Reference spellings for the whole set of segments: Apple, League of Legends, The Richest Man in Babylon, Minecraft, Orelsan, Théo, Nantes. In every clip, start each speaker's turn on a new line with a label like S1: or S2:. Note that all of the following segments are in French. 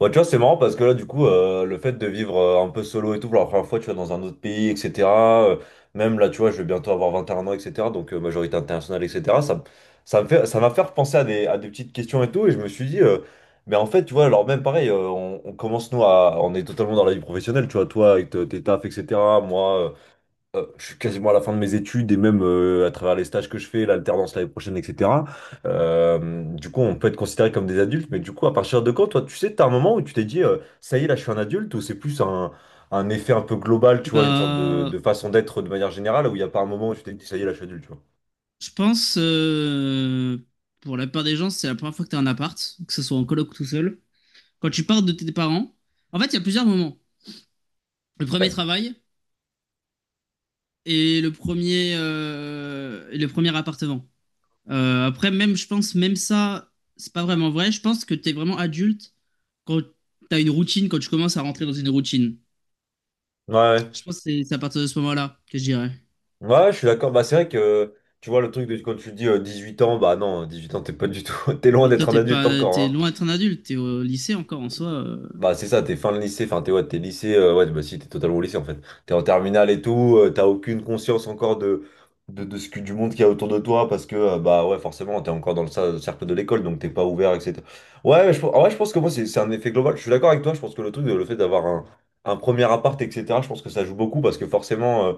S1: Bah, tu vois, c'est marrant parce que là, du coup, le fait de vivre un peu solo et tout, pour la première fois, tu vois, dans un autre pays, etc. euh, Même là, tu vois, je vais bientôt avoir 21 ans, etc. Donc, majorité internationale, etc. Ça m'a fait repenser à des petites questions et tout. Et je me suis dit, mais en fait, tu vois, alors même pareil, on commence, nous, on est totalement dans la vie professionnelle, tu vois, toi, avec tes tafs, etc. Moi, je suis quasiment à la fin de mes études et même à travers les stages que je fais, l'alternance l'année prochaine, etc. Du coup, on peut être considéré comme des adultes, mais du coup, à partir de quand, toi, tu sais, t'as un moment où tu t'es dit, ça y est, là, je suis un adulte, ou c'est plus un effet un peu global, tu vois, une sorte
S2: Bah,
S1: de façon d'être de manière générale, où il n'y a pas un moment où tu t'es dit, ça y est, là, je suis adulte, tu vois.
S2: je pense, pour la plupart des gens, c'est la première fois que tu as un appart, que ce soit en coloc ou tout seul. Quand tu pars de tes parents, en fait, il y a plusieurs moments. Le premier
S1: Ouais,
S2: travail et le premier appartement. Après, même, je pense, même ça, c'est pas vraiment vrai. Je pense que tu es vraiment adulte quand tu as une routine, quand tu commences à rentrer dans une routine.
S1: ouais, ouais.
S2: Je pense que c'est à partir de ce moment-là que je dirais.
S1: Ouais, je suis d'accord. Bah, c'est vrai que, tu vois, le truc de quand tu dis 18 ans, bah non, 18 ans, t'es pas du tout, t'es loin
S2: Mais toi,
S1: d'être un
S2: t'es
S1: adulte
S2: pas,
S1: encore,
S2: t'es
S1: hein.
S2: loin d'être un adulte, t'es au lycée encore en soi.
S1: Bah, c'est ça, t'es fin de lycée, enfin, t'es ouais, t'es lycée, ouais, bah si, t'es totalement au lycée en fait. T'es en terminale et tout, t'as aucune conscience encore de ce que, du monde qu'il y a autour de toi parce que, bah ouais, forcément, t'es encore dans le cercle de l'école donc t'es pas ouvert, etc. Ouais, je, en vrai, je pense que moi, c'est un effet global. Je suis d'accord avec toi, je pense que le truc, le fait d'avoir un premier appart, etc., je pense que ça joue beaucoup parce que forcément.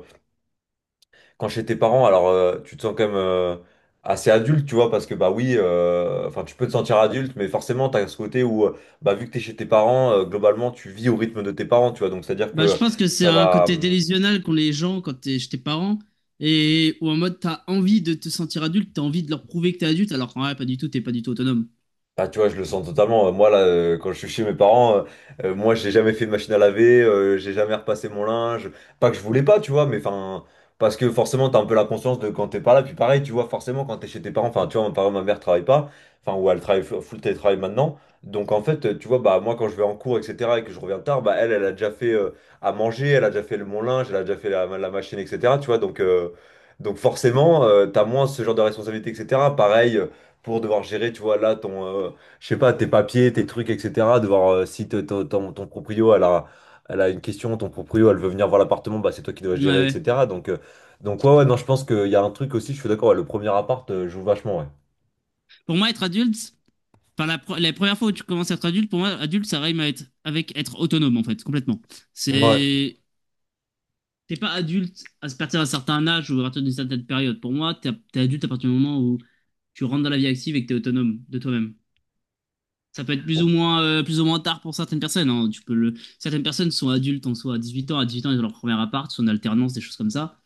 S1: Quand chez tes parents, alors tu te sens quand même assez adulte, tu vois, parce que bah oui, enfin tu peux te sentir adulte, mais forcément t'as ce côté où bah vu que t'es chez tes parents, globalement tu vis au rythme de tes parents, tu vois, donc c'est-à-dire
S2: Bah, je
S1: que
S2: pense que c'est
S1: ça
S2: un
S1: va.
S2: côté délusionnel qu'ont les gens quand t'es, chez tes parents. Et ou en mode, t'as envie de te sentir adulte, t'as envie de leur prouver que t'es adulte, alors qu'en vrai, pas du tout, t'es pas du tout autonome.
S1: Ah, tu vois, je le sens totalement. Moi, là, quand je suis chez mes parents, moi, j'ai jamais fait de machine à laver, j'ai jamais repassé mon linge. Pas que je voulais pas, tu vois, mais enfin, parce que forcément, t'as un peu la conscience de quand t'es pas là. Puis pareil, tu vois, forcément, quand t'es chez tes parents, enfin, tu vois, ma, par exemple, ma mère travaille pas, enfin, ou elle travaille full full télétravail maintenant. Donc, en fait, tu vois, bah, moi, quand je vais en cours, etc., et que je reviens tard, bah, elle, elle a déjà fait à manger, elle a déjà fait mon linge, elle a déjà fait la machine, etc., tu vois, donc forcément, t'as moins ce genre de responsabilité, etc. Pareil pour devoir gérer, tu vois, là, ton, je sais pas, tes papiers, tes trucs, etc. Devoir, si ton proprio, elle a une question, ton proprio, elle veut venir voir l'appartement, bah, c'est toi qui dois
S2: Ouais,
S1: gérer,
S2: ouais.
S1: etc. Donc ouais, ouais, non, je pense qu'il y a un truc aussi, je suis d'accord, ouais, le premier appart joue vachement, ouais.
S2: Pour moi, être adulte, enfin, la, la première fois où tu commences à être adulte, pour moi, adulte, ça rime à être, avec être autonome, en fait, complètement.
S1: Ouais.
S2: C'est. T'es pas adulte à partir d'un certain âge ou à partir d'une certaine période. Pour moi, t'es adulte à partir du moment où tu rentres dans la vie active et que t'es autonome de toi-même. Ça peut être
S1: Bon.
S2: plus ou moins tard pour certaines personnes, hein. Tu peux le... Certaines personnes sont adultes en soi, à 18 ans, à 18 ans, ils ont leur premier appart, sont en alternance, des choses comme ça.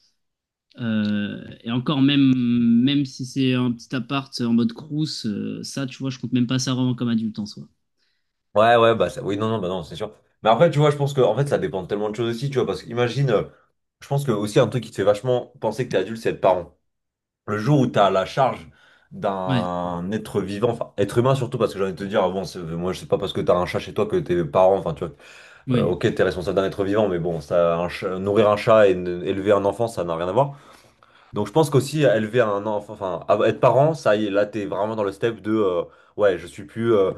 S2: Et encore, même, même si c'est un petit appart en mode crous, ça, tu vois, je compte même pas ça vraiment comme adulte en soi.
S1: Ouais, ouais, bah, oui, non, non, bah, non, c'est sûr. Mais après, tu vois, je pense que, en fait, ça dépend de tellement de choses aussi, tu vois, parce qu'imagine, je pense que aussi un truc qui te fait vachement penser que t'es adulte, c'est être parent. Le jour où tu as la charge
S2: Ouais,
S1: d'un être vivant, enfin être humain surtout, parce que j'ai envie de te dire, ah bon, moi je sais pas parce que tu as un chat chez toi que tes parents, enfin tu vois,
S2: oui,
S1: ok, tu es responsable d'un être vivant, mais bon, ça, nourrir un chat et élever un enfant, ça n'a rien à voir. Donc je pense qu'aussi élever un enfant, enfin être parent, ça y est, là tu es vraiment dans le step de, ouais, je suis plus euh,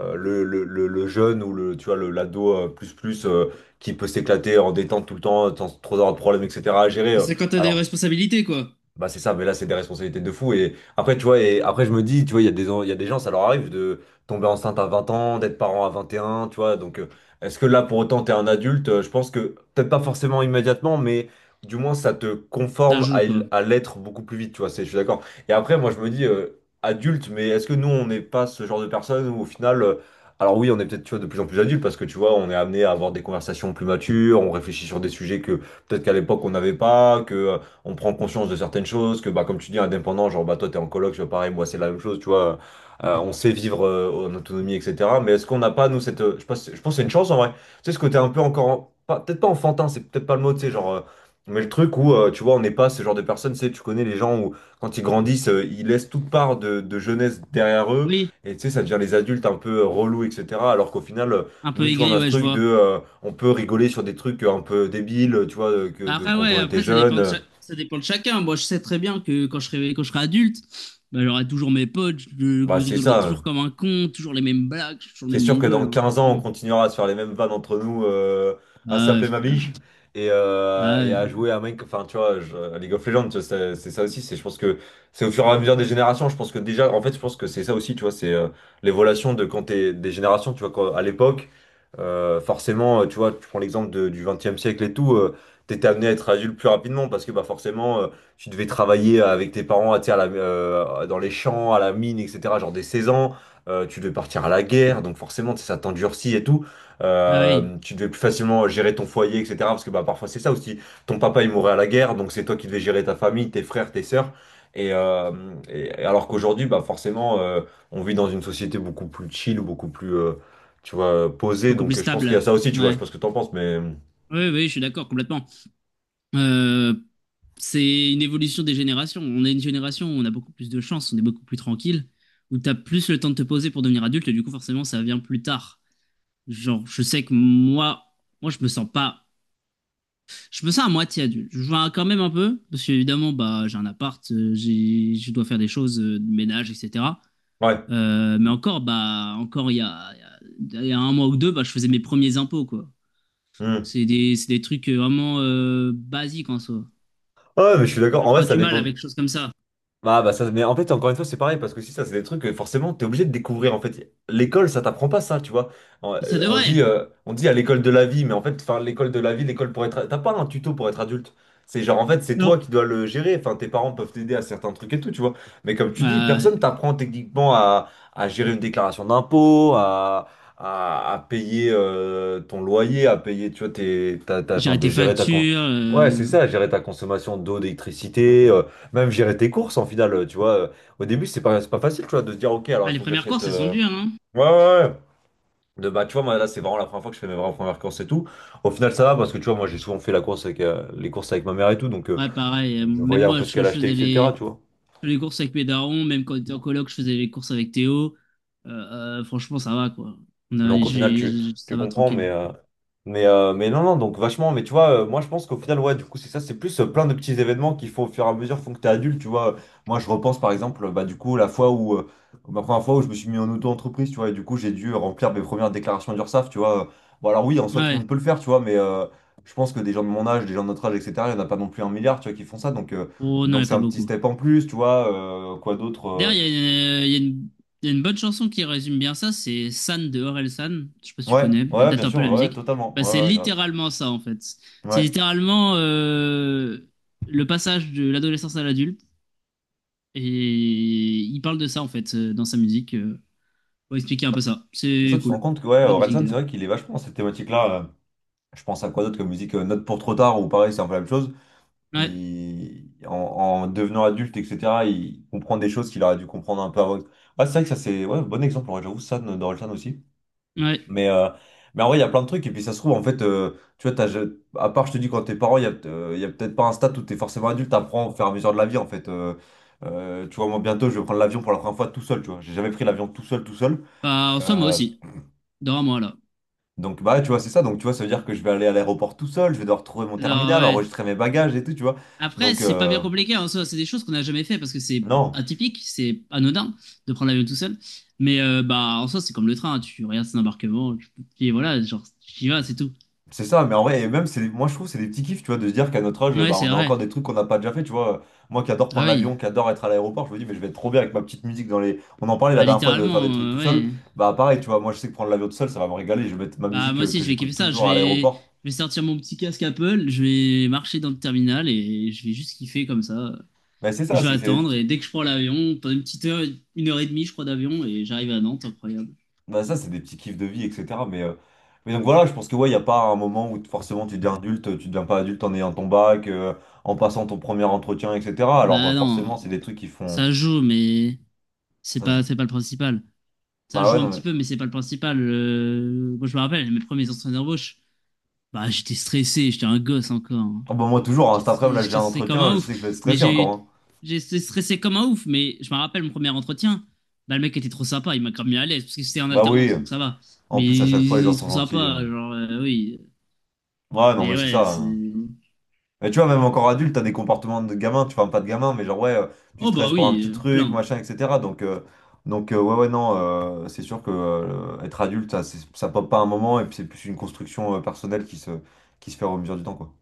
S1: euh, le, le, le- le jeune ou le, tu vois, le, l'ado plus qui peut s'éclater en détente tout le temps, sans trop avoir de problèmes, etc. à gérer.
S2: bah, c'est quand t'as des
S1: Alors.
S2: responsabilités, quoi.
S1: Bah c'est ça, mais là c'est des responsabilités de fou. Et après, tu vois, et après je me dis, tu vois, il y a des gens, ça leur arrive de tomber enceinte à 20 ans, d'être parent à 21 tu vois. Donc est-ce que là pour autant t'es un adulte? Je pense que peut-être pas forcément immédiatement, mais du moins ça te
S2: Ça
S1: conforme
S2: joue, quoi.
S1: à l'être beaucoup plus vite, tu vois. C'est, je suis d'accord. Et après, moi je me dis, adulte, mais est-ce que nous on n'est pas ce genre de personnes où au final. Alors oui, on est peut-être tu vois, de plus en plus adulte parce que tu vois, on est amené à avoir des conversations plus matures, on réfléchit sur des sujets que peut-être qu'à l'époque on n'avait pas, que on prend conscience de certaines choses, que bah, comme tu dis, indépendant, genre bah, toi t'es en coloc, je fais pareil, moi c'est la même chose, tu vois, on sait vivre en autonomie, etc. Mais est-ce qu'on n'a pas, nous, cette. Je pense que c'est une chance en vrai. Tu sais, ce côté un peu encore. Peut-être pas enfantin, c'est peut-être pas le mot, tu sais, genre. Mais le truc où, tu vois, on n'est pas ce genre de personnes, tu sais, tu connais les gens où, quand ils grandissent, ils laissent toute part de jeunesse derrière eux,
S2: Oui,
S1: et tu sais, ça devient les adultes un peu relous, etc. Alors qu'au final,
S2: un peu
S1: nous, tu vois, on
S2: aigri,
S1: a ce
S2: ouais, je
S1: truc de,
S2: vois.
S1: on peut rigoler sur des trucs un peu débiles, tu vois,
S2: Bah après,
S1: quand
S2: ouais,
S1: on était
S2: après, ça
S1: jeune,
S2: dépend de, ça dépend de chacun. Moi, je sais très bien que quand je serai adulte, bah, j'aurai toujours mes potes, je
S1: Bah,
S2: je
S1: c'est
S2: rigolerai
S1: ça,
S2: toujours
S1: hein.
S2: comme un con, toujours les mêmes blagues, je suis toujours le
S1: C'est
S2: même
S1: sûr que
S2: mongol,
S1: dans
S2: hein,
S1: 15 ans, on
S2: franchement.
S1: continuera à se faire les mêmes vannes entre nous, à
S2: Ah ouais,
S1: s'appeler ma
S2: frère.
S1: biche
S2: Ah
S1: et
S2: ouais.
S1: à jouer à Minecraft. Enfin, tu vois, à League of Legends, tu vois, c'est ça aussi. C'est, je pense que c'est au fur et à mesure des générations. Je pense que déjà, en fait, je pense que c'est ça aussi, tu vois, c'est l'évolution de quand t'es des générations. Tu vois, à l'époque, forcément, tu vois, tu prends l'exemple du 20e siècle et tout, t'étais amené à être adulte plus rapidement parce que, bah, forcément, tu devais travailler avec tes parents, tu sais, à la, dans les champs, à la mine, etc., genre dès 16 ans. Tu devais partir à la guerre, donc forcément, tu sais, ça t'endurcit et tout.
S2: Ah ouais,
S1: Tu devais plus facilement gérer ton foyer, etc. Parce que bah, parfois, c'est ça aussi. Ton papa, il mourait à la guerre, donc c'est toi qui devais gérer ta famille, tes frères, tes sœurs. Et, euh, et alors qu'aujourd'hui, bah, forcément, on vit dans une société beaucoup plus chill, beaucoup plus, tu vois, posée.
S2: beaucoup plus
S1: Donc je pense qu'il y a
S2: stable.
S1: ça aussi, tu vois. Je sais
S2: Ouais.
S1: pas ce que t'en penses, mais...
S2: Oui, oui, je suis d'accord, complètement. Euh, c'est une évolution des générations. On est une génération où on a beaucoup plus de chance, on est beaucoup plus tranquille, où t'as plus le temps de te poser pour devenir adulte, et du coup, forcément, ça vient plus tard. Genre, je sais que moi, moi, je me sens pas. Je me sens à moitié adulte. Je vois quand même un peu, parce qu'évidemment, bah, j'ai un appart, j'ai, je dois faire des choses de ménage, etc.
S1: Ouais.
S2: Mais encore, bah, encore il y a un mois ou deux, bah, je faisais mes premiers impôts, quoi.
S1: Hmm.
S2: C'est des trucs vraiment basiques en soi.
S1: Ouais, mais je suis d'accord.
S2: J'ai
S1: En vrai,
S2: encore
S1: ça
S2: du mal
S1: dépend.
S2: avec des choses comme ça.
S1: Ah bah ça, mais en fait, encore une fois, c'est pareil, parce que si ça, c'est des trucs que forcément, t'es obligé de découvrir, en fait. L'école, ça t'apprend pas ça, tu vois.
S2: Et ça
S1: On
S2: devrait.
S1: dit, on dit à l'école de la vie, mais en fait, enfin, l'école de la vie, l'école pour être... T'as pas un tuto pour être adulte. C'est genre, en fait, c'est toi
S2: Non.
S1: qui dois le gérer. Enfin, tes parents peuvent t'aider à certains trucs et tout, tu vois. Mais comme tu dis, personne
S2: Euh,
S1: t'apprend techniquement à gérer une déclaration d'impôt, à payer ton loyer, à payer, tu vois, enfin,
S2: Gérer
S1: de
S2: tes
S1: gérer ta...
S2: factures.
S1: Ouais, c'est ça, gérer ta consommation d'eau, d'électricité. Même gérer tes courses en final, tu vois. Au début, c'est pas facile, tu vois, de se dire, ok, alors il
S2: Ah, les
S1: faut que
S2: premières
S1: j'achète.
S2: courses, elles sont dures, hein?
S1: Ouais, ouais, ouais. De, bah, tu vois, moi, là, c'est vraiment la première fois que je fais mes vraies premières courses et tout. Au final, ça va parce que, tu vois, moi, j'ai souvent fait la course avec, les courses avec ma mère et tout, donc, euh,
S2: Ouais, pareil.
S1: donc je
S2: Même
S1: voyais un
S2: moi,
S1: peu ce
S2: je
S1: qu'elle achetait,
S2: faisais
S1: etc., tu vois.
S2: les courses avec mes darons, même quand on était en coloc, je faisais les courses avec Théo. Euh, franchement, ça va, quoi. On a,
S1: Donc au final
S2: ça
S1: tu
S2: va,
S1: comprends
S2: tranquille.
S1: mais non, donc vachement, mais tu vois, moi je pense qu'au final, ouais, du coup c'est ça, c'est plus, plein de petits événements qui font au fur et à mesure, font que t'es adulte, tu vois. Moi je repense par exemple, bah du coup la fois où, ma première fois où je me suis mis en auto-entreprise, tu vois, et du coup j'ai dû, remplir mes premières déclarations d'URSSAF, tu vois. Bon alors oui, en soi, tout le
S2: Ouais.
S1: monde peut le faire, tu vois, mais je pense que des gens de mon âge, des gens de notre âge, etc., il n'y en a pas non plus un milliard, tu vois, qui font ça. Donc
S2: Oh, non,
S1: donc
S2: mais
S1: c'est
S2: pas
S1: un petit
S2: beaucoup.
S1: step en plus, tu vois. Quoi d'autre?
S2: D'ailleurs, il y a une bonne chanson qui résume bien ça, c'est San de Orelsan. Je sais pas si tu
S1: Ouais,
S2: connais, elle
S1: ouais,
S2: date
S1: bien
S2: un peu
S1: sûr,
S2: la
S1: ouais,
S2: musique.
S1: totalement,
S2: Bah, c'est
S1: ouais, ouais, grave.
S2: littéralement ça, en fait. C'est
S1: Ouais.
S2: littéralement le passage de l'adolescence à l'adulte. Et il parle de ça, en fait, dans sa musique, pour expliquer un peu ça. C'est
S1: Ça, tu te rends
S2: cool.
S1: compte que ouais,
S2: Bonne musique,
S1: Orelsan, c'est
S2: d'ailleurs.
S1: vrai qu'il est vachement dans cette thématique-là. Je pense à quoi d'autre comme musique, Note pour trop tard, ou pareil, c'est un peu la même chose.
S2: Ouais.
S1: En devenant adulte, etc., il comprend des choses qu'il aurait dû comprendre un peu avant. Ah, c'est vrai que ça, c'est, ouais, bon exemple, ouais, j'avoue, ça, d'Orelsan aussi.
S2: Ouais.
S1: Mais, euh, mais en vrai, il y a plein de trucs, et puis ça se trouve, en fait, tu vois, à part, je te dis, quand t'es parent, il y a peut-être pas un stade où t'es forcément adulte, t'apprends au fur et à mesure de la vie, en fait. Tu vois, moi, bientôt, je vais prendre l'avion pour la première fois tout seul, tu vois. J'ai jamais pris l'avion tout seul, tout seul.
S2: Bah, en soi, moi
S1: Euh,
S2: aussi. Dans moi, là.
S1: Donc, bah, tu vois, c'est ça. Donc, tu vois, ça veut dire que je vais aller à l'aéroport tout seul, je vais devoir trouver mon
S2: Genre,
S1: terminal,
S2: ouais.
S1: enregistrer mes bagages et tout, tu vois.
S2: Après,
S1: Donc,
S2: c'est pas bien compliqué, hein, en soi. C'est des choses qu'on n'a jamais fait parce que c'est
S1: non,
S2: atypique, c'est anodin de prendre l'avion tout seul. Mais bah, en soi, c'est comme le train, hein. Tu regardes son embarquement, tu... et voilà, genre, tu y vas, c'est tout.
S1: c'est ça. Mais en vrai, et même, c'est, moi, je trouve, c'est des petits kiffs, tu vois, de se dire qu'à notre âge,
S2: Ouais,
S1: bah,
S2: c'est
S1: on a encore
S2: vrai.
S1: des trucs qu'on n'a pas déjà fait, tu vois. Moi qui adore
S2: Ah
S1: prendre
S2: oui.
S1: l'avion, qui adore être à l'aéroport, je me dis, mais je vais être trop bien avec ma petite musique dans les. On en parlait la
S2: Bah,
S1: dernière fois de faire
S2: littéralement,
S1: des trucs tout seul.
S2: ouais.
S1: Bah, pareil, tu vois, moi, je sais que prendre l'avion tout seul, ça va me régaler. Je vais mettre ma
S2: Bah,
S1: musique
S2: moi aussi,
S1: que,
S2: je vais
S1: j'écoute
S2: kiffer ça.
S1: toujours à
S2: Je
S1: l'aéroport.
S2: vais sortir mon petit casque Apple, je vais marcher dans le terminal et je vais juste kiffer comme ça.
S1: Mais c'est ça,
S2: Je vais
S1: c'est des
S2: attendre
S1: petits.
S2: et dès que je prends l'avion, pendant une petite heure, une heure et demie, je crois, d'avion et j'arrive à Nantes, incroyable.
S1: Bah ça, c'est des petits kiffs de vie, etc. Mais donc voilà, je pense que ouais, il n'y a pas un moment où forcément tu deviens adulte, tu deviens pas adulte en ayant ton bac, en passant ton premier entretien, etc. Alors
S2: Bah
S1: forcément,
S2: non,
S1: c'est des trucs qui font...
S2: ça joue, mais
S1: Ça, je...
S2: c'est pas le principal. Ça
S1: Bah
S2: joue
S1: ouais,
S2: un
S1: non
S2: petit
S1: mais...
S2: peu, mais c'est pas le principal. Moi, je me rappelle, mes premiers entretiens d'embauche, bah, j'étais stressé, j'étais un gosse encore, hein.
S1: Ah bah moi toujours, hein, cet après-midi, là, j'ai
S2: J'étais
S1: un
S2: stressé comme
S1: entretien,
S2: un
S1: je
S2: ouf.
S1: sais que je vais être
S2: Mais
S1: stressé encore, hein.
S2: j'étais stressé comme un ouf, mais je me rappelle mon premier entretien, bah, le mec était trop sympa, il m'a grave mis à l'aise, parce que c'était en
S1: Bah oui,
S2: alternance, donc ça va.
S1: en
S2: Mais
S1: plus à chaque fois, les
S2: il
S1: gens
S2: est
S1: sont
S2: trop
S1: gentils.
S2: sympa, genre, oui.
S1: Ouais, non
S2: Mais
S1: mais c'est
S2: ouais,
S1: ça.
S2: c'est...
S1: Mais tu vois, même encore adulte, t'as des comportements de gamin, tu, enfin pas de gamin, mais genre ouais, tu
S2: Oh bah
S1: stresses pour un
S2: oui,
S1: petit truc,
S2: plein.
S1: machin, etc. Donc, ouais, ouais, non, c'est sûr que être adulte, ça, ça pop pas un moment, et puis c'est plus une construction personnelle qui se fait au mesure du temps, quoi.